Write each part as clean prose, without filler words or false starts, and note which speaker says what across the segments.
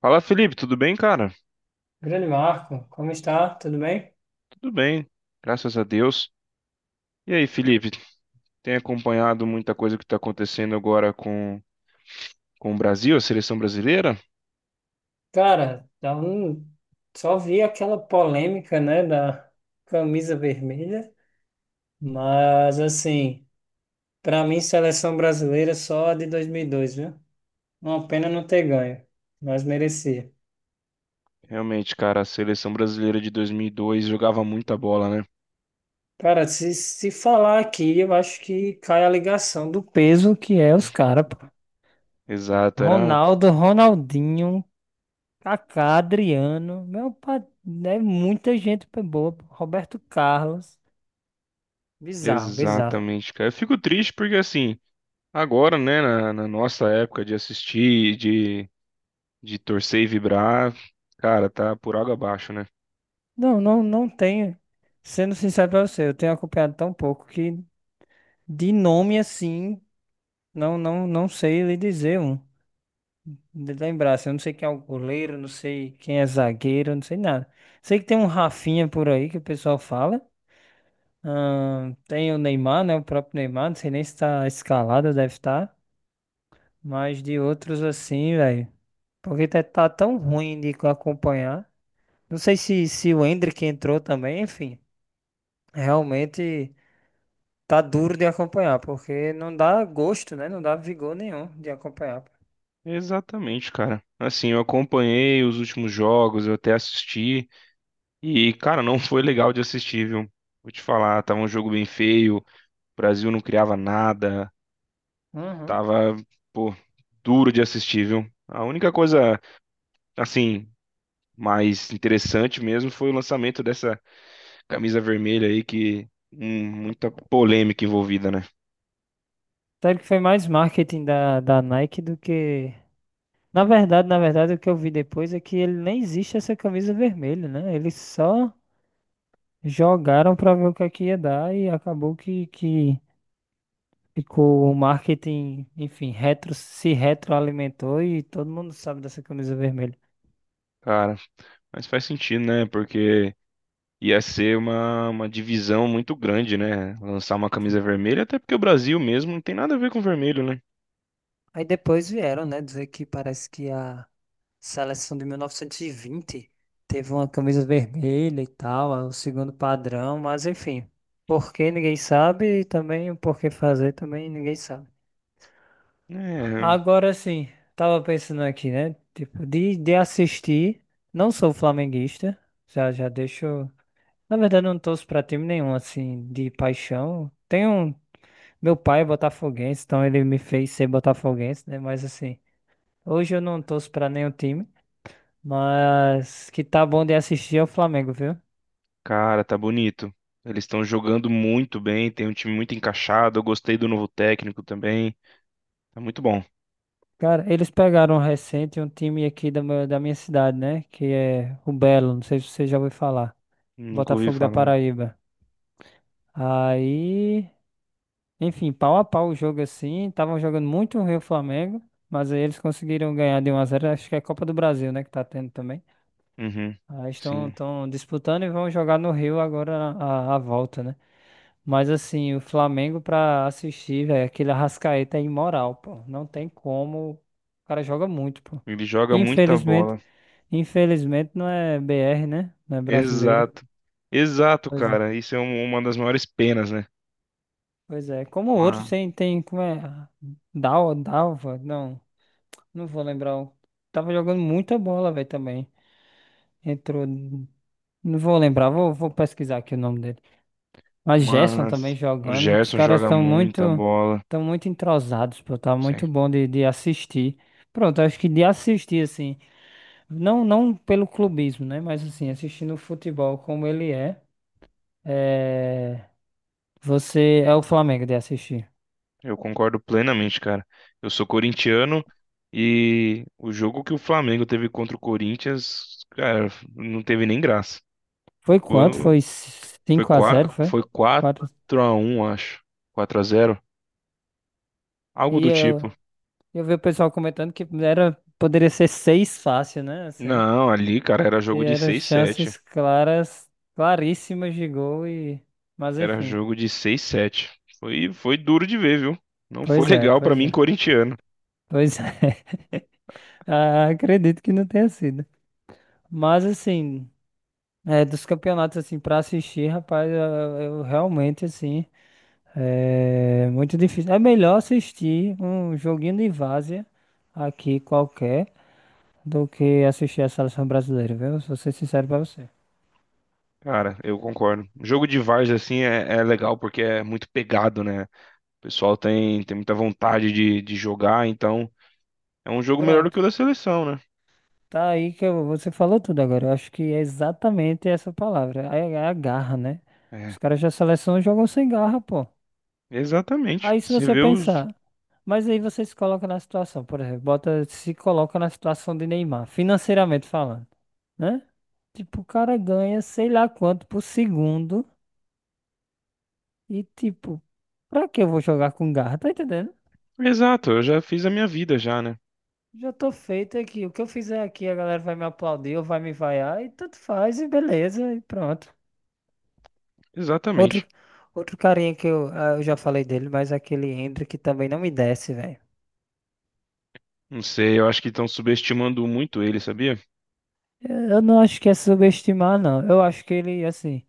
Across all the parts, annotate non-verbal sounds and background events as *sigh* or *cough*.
Speaker 1: Fala, Felipe, tudo bem, cara?
Speaker 2: Grande Marco, como está? Tudo bem?
Speaker 1: Tudo bem, graças a Deus. E aí, Felipe, tem acompanhado muita coisa que está acontecendo agora com o Brasil, a seleção brasileira?
Speaker 2: Cara, então, só vi aquela polêmica, né, da camisa vermelha, mas assim, para mim, seleção brasileira é só a de 2002, viu? Uma pena não ter ganho, mas merecia.
Speaker 1: Realmente, cara, a seleção brasileira de 2002 jogava muita bola, né?
Speaker 2: Cara, se falar aqui, eu acho que cai a ligação do peso que é os caras, pô.
Speaker 1: Exato, era
Speaker 2: Ronaldo, Ronaldinho, Kaká, Adriano, meu pai, é muita gente boa, pô. Roberto Carlos. Bizarro, bizarro.
Speaker 1: exatamente, cara. Eu fico triste porque, assim, agora, né, na nossa época de assistir, de torcer e vibrar, cara, tá por água abaixo, né?
Speaker 2: Não, não, não tenho. Sendo sincero pra você, eu tenho acompanhado tão pouco que de nome assim, não, não, não sei lhe dizer um. De lembrar, assim, eu não sei quem é o goleiro, não sei quem é zagueiro, não sei nada. Sei que tem um Rafinha por aí que o pessoal fala. Tem o Neymar, né? O próprio Neymar, não sei nem se tá escalado, deve estar. Mas de outros assim, velho. Porque tá tão ruim de acompanhar. Não sei se o Endrick entrou também, enfim. Realmente. Tá duro de acompanhar, porque não dá gosto, né? Não dá vigor nenhum de acompanhar.
Speaker 1: Exatamente, cara. Assim, eu acompanhei os últimos jogos, eu até assisti. E, cara, não foi legal de assistir, viu? Vou te falar, tava um jogo bem feio, o Brasil não criava nada,
Speaker 2: Uhum.
Speaker 1: tava, pô, duro de assistir, viu? A única coisa, assim, mais interessante mesmo foi o lançamento dessa camisa vermelha aí, que muita polêmica envolvida, né?
Speaker 2: Sabe que foi mais marketing da Nike do que. Na verdade, o que eu vi depois é que ele nem existe essa camisa vermelha, né? Eles só jogaram pra ver o que é que ia dar e acabou que ficou o marketing, enfim, retro, se retroalimentou e todo mundo sabe dessa camisa vermelha.
Speaker 1: Cara, mas faz sentido, né? Porque ia ser uma divisão muito grande, né? Lançar uma camisa vermelha, até porque o Brasil mesmo não tem nada a ver com vermelho, né?
Speaker 2: Aí depois vieram, né, dizer que parece que a Seleção de 1920 teve uma camisa vermelha e tal, é o segundo padrão, mas enfim, por que ninguém sabe e também o porquê fazer também ninguém sabe.
Speaker 1: É.
Speaker 2: Agora sim, tava pensando aqui, né? Tipo, de assistir, não sou flamenguista, já já deixo. Na verdade, eu não torço pra time nenhum, assim, de paixão. Tem um. Meu pai é botafoguense, então ele me fez ser botafoguense, né? Mas assim, hoje eu não torço pra nenhum time. Mas que tá bom de assistir é o Flamengo, viu?
Speaker 1: Cara, tá bonito. Eles estão jogando muito bem, tem um time muito encaixado. Eu gostei do novo técnico também. Tá muito bom.
Speaker 2: Cara, eles pegaram um recente um time aqui da minha cidade, né? Que é o Belo, não sei se você já ouviu falar.
Speaker 1: Nunca ouvi
Speaker 2: Botafogo da
Speaker 1: falar.
Speaker 2: Paraíba. Aí, enfim, pau a pau o jogo assim. Estavam jogando muito ruim o Flamengo, mas aí eles conseguiram ganhar de 1-0. Acho que é a Copa do Brasil, né? Que tá tendo também.
Speaker 1: Uhum.
Speaker 2: Aí estão
Speaker 1: Sim.
Speaker 2: estão disputando e vão jogar no Rio agora a volta, né? Mas assim, o Flamengo pra assistir, velho, aquele Arrascaeta é imoral, pô. Não tem como. O cara joga muito, pô.
Speaker 1: Ele joga muita
Speaker 2: Infelizmente,
Speaker 1: bola.
Speaker 2: infelizmente, não é BR, né? Não é brasileiro.
Speaker 1: Exato. Exato,
Speaker 2: Pois é.
Speaker 1: cara. Uma das maiores penas, né?
Speaker 2: Pois é. Como outros
Speaker 1: Ma-
Speaker 2: tem, como é? Dalva? Não, não vou lembrar. Tava jogando muita bola, velho, também. Entrou. Não vou lembrar, vou pesquisar aqui o nome dele. A Gerson também
Speaker 1: Mas, o
Speaker 2: jogando. Os
Speaker 1: Gerson
Speaker 2: caras
Speaker 1: joga
Speaker 2: estão
Speaker 1: muita
Speaker 2: muito,
Speaker 1: bola.
Speaker 2: estão muito entrosados, pô. Tá
Speaker 1: Sim.
Speaker 2: muito bom de assistir. Pronto, acho que de assistir, assim, não, não pelo clubismo, né? Mas assim, assistindo o futebol como ele é, é, você é o Flamengo de assistir.
Speaker 1: Eu concordo plenamente, cara. Eu sou corintiano e o jogo que o Flamengo teve contra o Corinthians, cara, não teve nem graça.
Speaker 2: Foi quanto? Foi
Speaker 1: Foi
Speaker 2: 5-0,
Speaker 1: quatro,
Speaker 2: foi?
Speaker 1: foi 4
Speaker 2: Quatro.
Speaker 1: a um, acho. Quatro a zero, algo
Speaker 2: E
Speaker 1: do
Speaker 2: eu,
Speaker 1: tipo.
Speaker 2: eu vi o pessoal comentando que era, poderia ser 6 fácil, né? Assim,
Speaker 1: Não, ali, cara, era
Speaker 2: e
Speaker 1: jogo de
Speaker 2: eram
Speaker 1: seis sete.
Speaker 2: chances claras, claríssimas de gol e. Mas
Speaker 1: Era
Speaker 2: enfim.
Speaker 1: jogo de seis sete. Foi duro de ver, viu? Não foi *laughs*
Speaker 2: Pois é,
Speaker 1: legal pra
Speaker 2: pois
Speaker 1: mim,
Speaker 2: é.
Speaker 1: corintiano.
Speaker 2: Pois é. *laughs* Ah, acredito que não tenha sido. Mas assim, é, dos campeonatos assim para assistir, rapaz, eu realmente assim é muito difícil. É melhor assistir um joguinho de várzea aqui qualquer do que assistir a seleção brasileira, viu? Vou ser sincero pra você.
Speaker 1: Cara, eu concordo. Jogo de várzea, assim, é legal porque é muito pegado, né? O pessoal tem muita vontade de jogar, então é um jogo melhor do que
Speaker 2: Pronto.
Speaker 1: o da seleção, né?
Speaker 2: Tá aí que você falou tudo agora. Eu acho que é exatamente essa palavra. É a garra, né?
Speaker 1: É,
Speaker 2: Os caras da seleção jogam sem garra, pô.
Speaker 1: exatamente.
Speaker 2: Aí se
Speaker 1: Você
Speaker 2: você
Speaker 1: vê os.
Speaker 2: pensar, mas aí você se coloca na situação, por exemplo, se coloca na situação de Neymar, financeiramente falando, né? Tipo, o cara ganha sei lá quanto por segundo e tipo, pra que eu vou jogar com garra? Tá entendendo?
Speaker 1: Exato, eu já fiz a minha vida já, né?
Speaker 2: Já tô feito aqui. O que eu fizer aqui, a galera vai me aplaudir ou vai me vaiar e tanto faz e beleza e pronto. Outro,
Speaker 1: Exatamente.
Speaker 2: outro carinha que eu já falei dele, mas aquele Hendrick também não me desce, velho.
Speaker 1: Não sei, eu acho que estão subestimando muito ele, sabia?
Speaker 2: Eu não acho que é subestimar, não. Eu acho que ele, assim.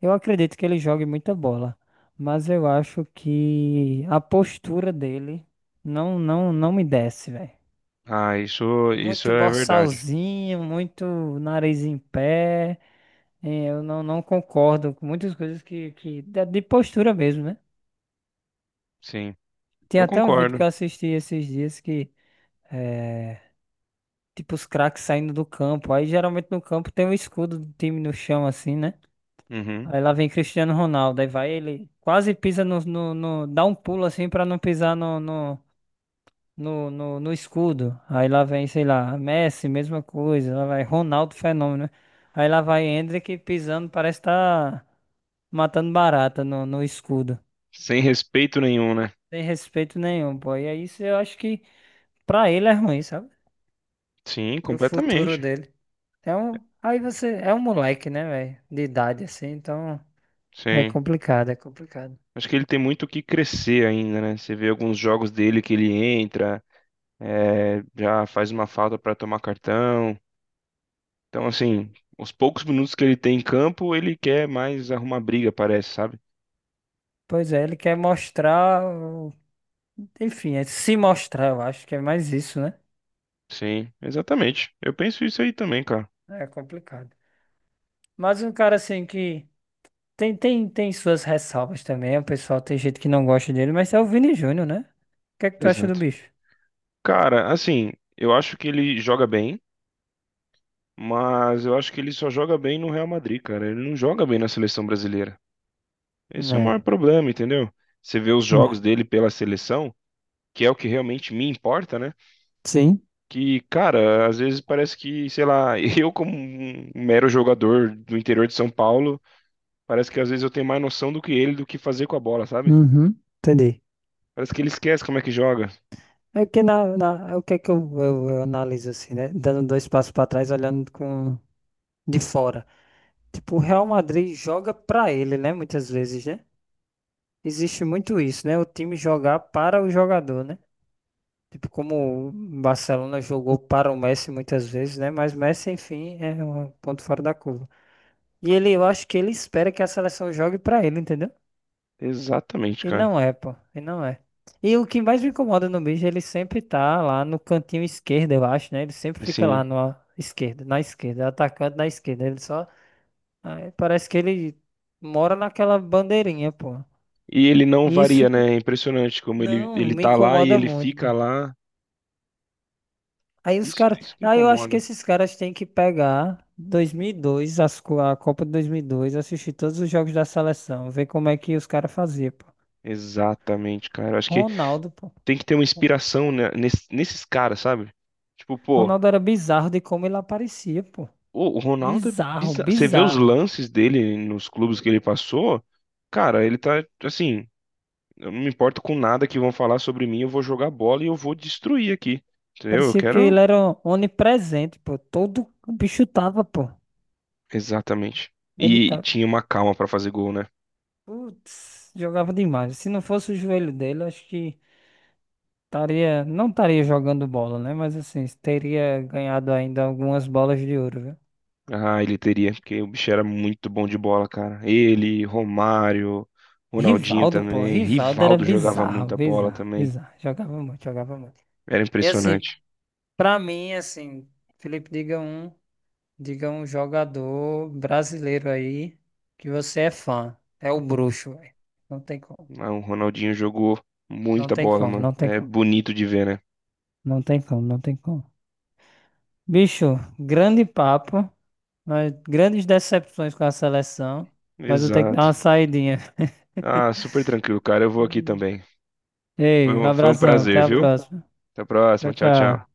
Speaker 2: Eu acredito que ele jogue muita bola, mas eu acho que a postura dele não não não me desce, velho.
Speaker 1: Ah, isso
Speaker 2: Muito
Speaker 1: é verdade.
Speaker 2: borsalzinho, muito nariz em pé. Eu não, não concordo com muitas coisas que de postura mesmo, né?
Speaker 1: Sim,
Speaker 2: Tem
Speaker 1: eu
Speaker 2: até um vídeo que
Speaker 1: concordo.
Speaker 2: eu assisti esses dias que é tipo os craques saindo do campo. Aí geralmente no campo tem um escudo do time no chão assim, né?
Speaker 1: Uhum.
Speaker 2: Aí lá vem Cristiano Ronaldo, aí vai ele, quase pisa dá um pulo assim pra não pisar no escudo. Aí lá vem, sei lá, Messi, mesma coisa, lá vai Ronaldo, fenômeno, né? Aí lá vai Endrick pisando, parece tá matando barata no escudo.
Speaker 1: Sem respeito nenhum, né?
Speaker 2: Sem respeito nenhum, pô. E aí isso eu acho que pra ele é ruim, sabe?
Speaker 1: Sim,
Speaker 2: Pro futuro
Speaker 1: completamente.
Speaker 2: dele. Então, aí você, é um moleque, né, velho? De idade assim, então é
Speaker 1: Sim.
Speaker 2: complicado, é complicado.
Speaker 1: Acho que ele tem muito o que crescer ainda, né? Você vê alguns jogos dele que ele entra, é, já faz uma falta pra tomar cartão. Então, assim, os poucos minutos que ele tem em campo, ele quer mais arrumar briga, parece, sabe?
Speaker 2: Pois é, ele quer mostrar. Enfim, é se mostrar, eu acho que é mais isso, né?
Speaker 1: Sim, exatamente. Eu penso isso aí também, cara.
Speaker 2: É complicado. Mas um cara assim que tem suas ressalvas também. O pessoal tem gente que não gosta dele, mas é o Vini Júnior, né? O que é que tu acha do
Speaker 1: Exato.
Speaker 2: bicho?
Speaker 1: Cara, assim, eu acho que ele joga bem, mas eu acho que ele só joga bem no Real Madrid, cara. Ele não joga bem na seleção brasileira. Esse é o
Speaker 2: Né,
Speaker 1: maior problema, entendeu? Você vê os jogos
Speaker 2: né.
Speaker 1: dele pela seleção, que é o que realmente me importa, né?
Speaker 2: Sim,
Speaker 1: Que, cara, às vezes parece que, sei lá, *laughs* eu como um mero jogador do interior de São Paulo, parece que às vezes eu tenho mais noção do que ele do que fazer com a bola, sabe?
Speaker 2: uhum, entendi.
Speaker 1: Parece que ele esquece como é que joga.
Speaker 2: É que é o que é que eu analiso assim, né? Dando dois passos para trás, olhando com de fora. Tipo, o Real Madrid joga para ele, né? Muitas vezes, né? Existe muito isso, né? O time jogar para o jogador, né? Tipo, como o Barcelona jogou para o Messi muitas vezes, né? Mas Messi, enfim, é um ponto fora da curva. E ele, eu acho que ele espera que a seleção jogue para ele, entendeu?
Speaker 1: Exatamente,
Speaker 2: E
Speaker 1: cara.
Speaker 2: não é, pô. E não é. E o que mais me incomoda no bicho, ele sempre tá lá no cantinho esquerdo, eu acho, né? Ele sempre fica
Speaker 1: Assim,
Speaker 2: lá na esquerda, atacante na esquerda. Ele só. Aí parece que ele mora naquela bandeirinha, pô.
Speaker 1: e ele não
Speaker 2: Isso
Speaker 1: varia, né? É impressionante como ele,
Speaker 2: não
Speaker 1: ele
Speaker 2: me
Speaker 1: tá lá e
Speaker 2: incomoda
Speaker 1: ele
Speaker 2: muito, pô.
Speaker 1: fica lá.
Speaker 2: Aí os
Speaker 1: Isso,
Speaker 2: caras.
Speaker 1: isso que
Speaker 2: Aí eu acho que
Speaker 1: incomoda.
Speaker 2: esses caras têm que pegar 2002, a Copa de 2002, assistir todos os jogos da seleção, ver como é que os caras faziam, pô.
Speaker 1: Exatamente, cara. Eu acho que
Speaker 2: Ronaldo, pô.
Speaker 1: tem que ter uma inspiração né, nesses caras, sabe? Tipo, pô,
Speaker 2: Ronaldo era bizarro de como ele aparecia, pô.
Speaker 1: o Ronaldo é
Speaker 2: Bizarro,
Speaker 1: bizarro. Você vê os
Speaker 2: bizarro.
Speaker 1: lances dele nos clubes que ele passou, cara, ele tá assim. Eu não me importo com nada que vão falar sobre mim, eu vou jogar bola e eu vou destruir aqui. Entendeu? Eu
Speaker 2: Parecia que
Speaker 1: quero.
Speaker 2: ele era onipresente, pô. Todo o bicho tava, pô.
Speaker 1: Exatamente.
Speaker 2: Ele
Speaker 1: E
Speaker 2: tá.
Speaker 1: tinha uma calma pra fazer gol, né?
Speaker 2: Putz, jogava demais. Se não fosse o joelho dele, acho que estaria. Não estaria jogando bola, né? Mas assim, teria ganhado ainda algumas bolas de ouro, viu?
Speaker 1: Ah, ele teria, porque o bicho era muito bom de bola, cara. Ele, Romário, Ronaldinho
Speaker 2: Rivaldo, pô,
Speaker 1: também,
Speaker 2: Rivaldo era
Speaker 1: Rivaldo jogava
Speaker 2: bizarro,
Speaker 1: muita bola
Speaker 2: bizarro,
Speaker 1: também.
Speaker 2: bizarro. Jogava muito, jogava muito.
Speaker 1: Era
Speaker 2: E assim,
Speaker 1: impressionante.
Speaker 2: pra mim, assim, Felipe, diga um jogador brasileiro aí que você é fã. É o bruxo, velho. Não tem como,
Speaker 1: Ah, o Ronaldinho jogou
Speaker 2: não
Speaker 1: muita
Speaker 2: tem
Speaker 1: bola,
Speaker 2: como,
Speaker 1: mano.
Speaker 2: não tem
Speaker 1: É
Speaker 2: como,
Speaker 1: bonito de ver, né?
Speaker 2: não tem como, não tem como. Bicho, grande papo, mas grandes decepções com a seleção, mas eu tenho que dar
Speaker 1: Exato.
Speaker 2: uma saidinha.
Speaker 1: Ah, super tranquilo, cara. Eu vou aqui também.
Speaker 2: *laughs*
Speaker 1: Foi
Speaker 2: Ei, um
Speaker 1: um, foi um
Speaker 2: abração, até
Speaker 1: prazer,
Speaker 2: a
Speaker 1: viu?
Speaker 2: próxima.
Speaker 1: Até a
Speaker 2: Tchau,
Speaker 1: próxima. Tchau, tchau.
Speaker 2: tchau.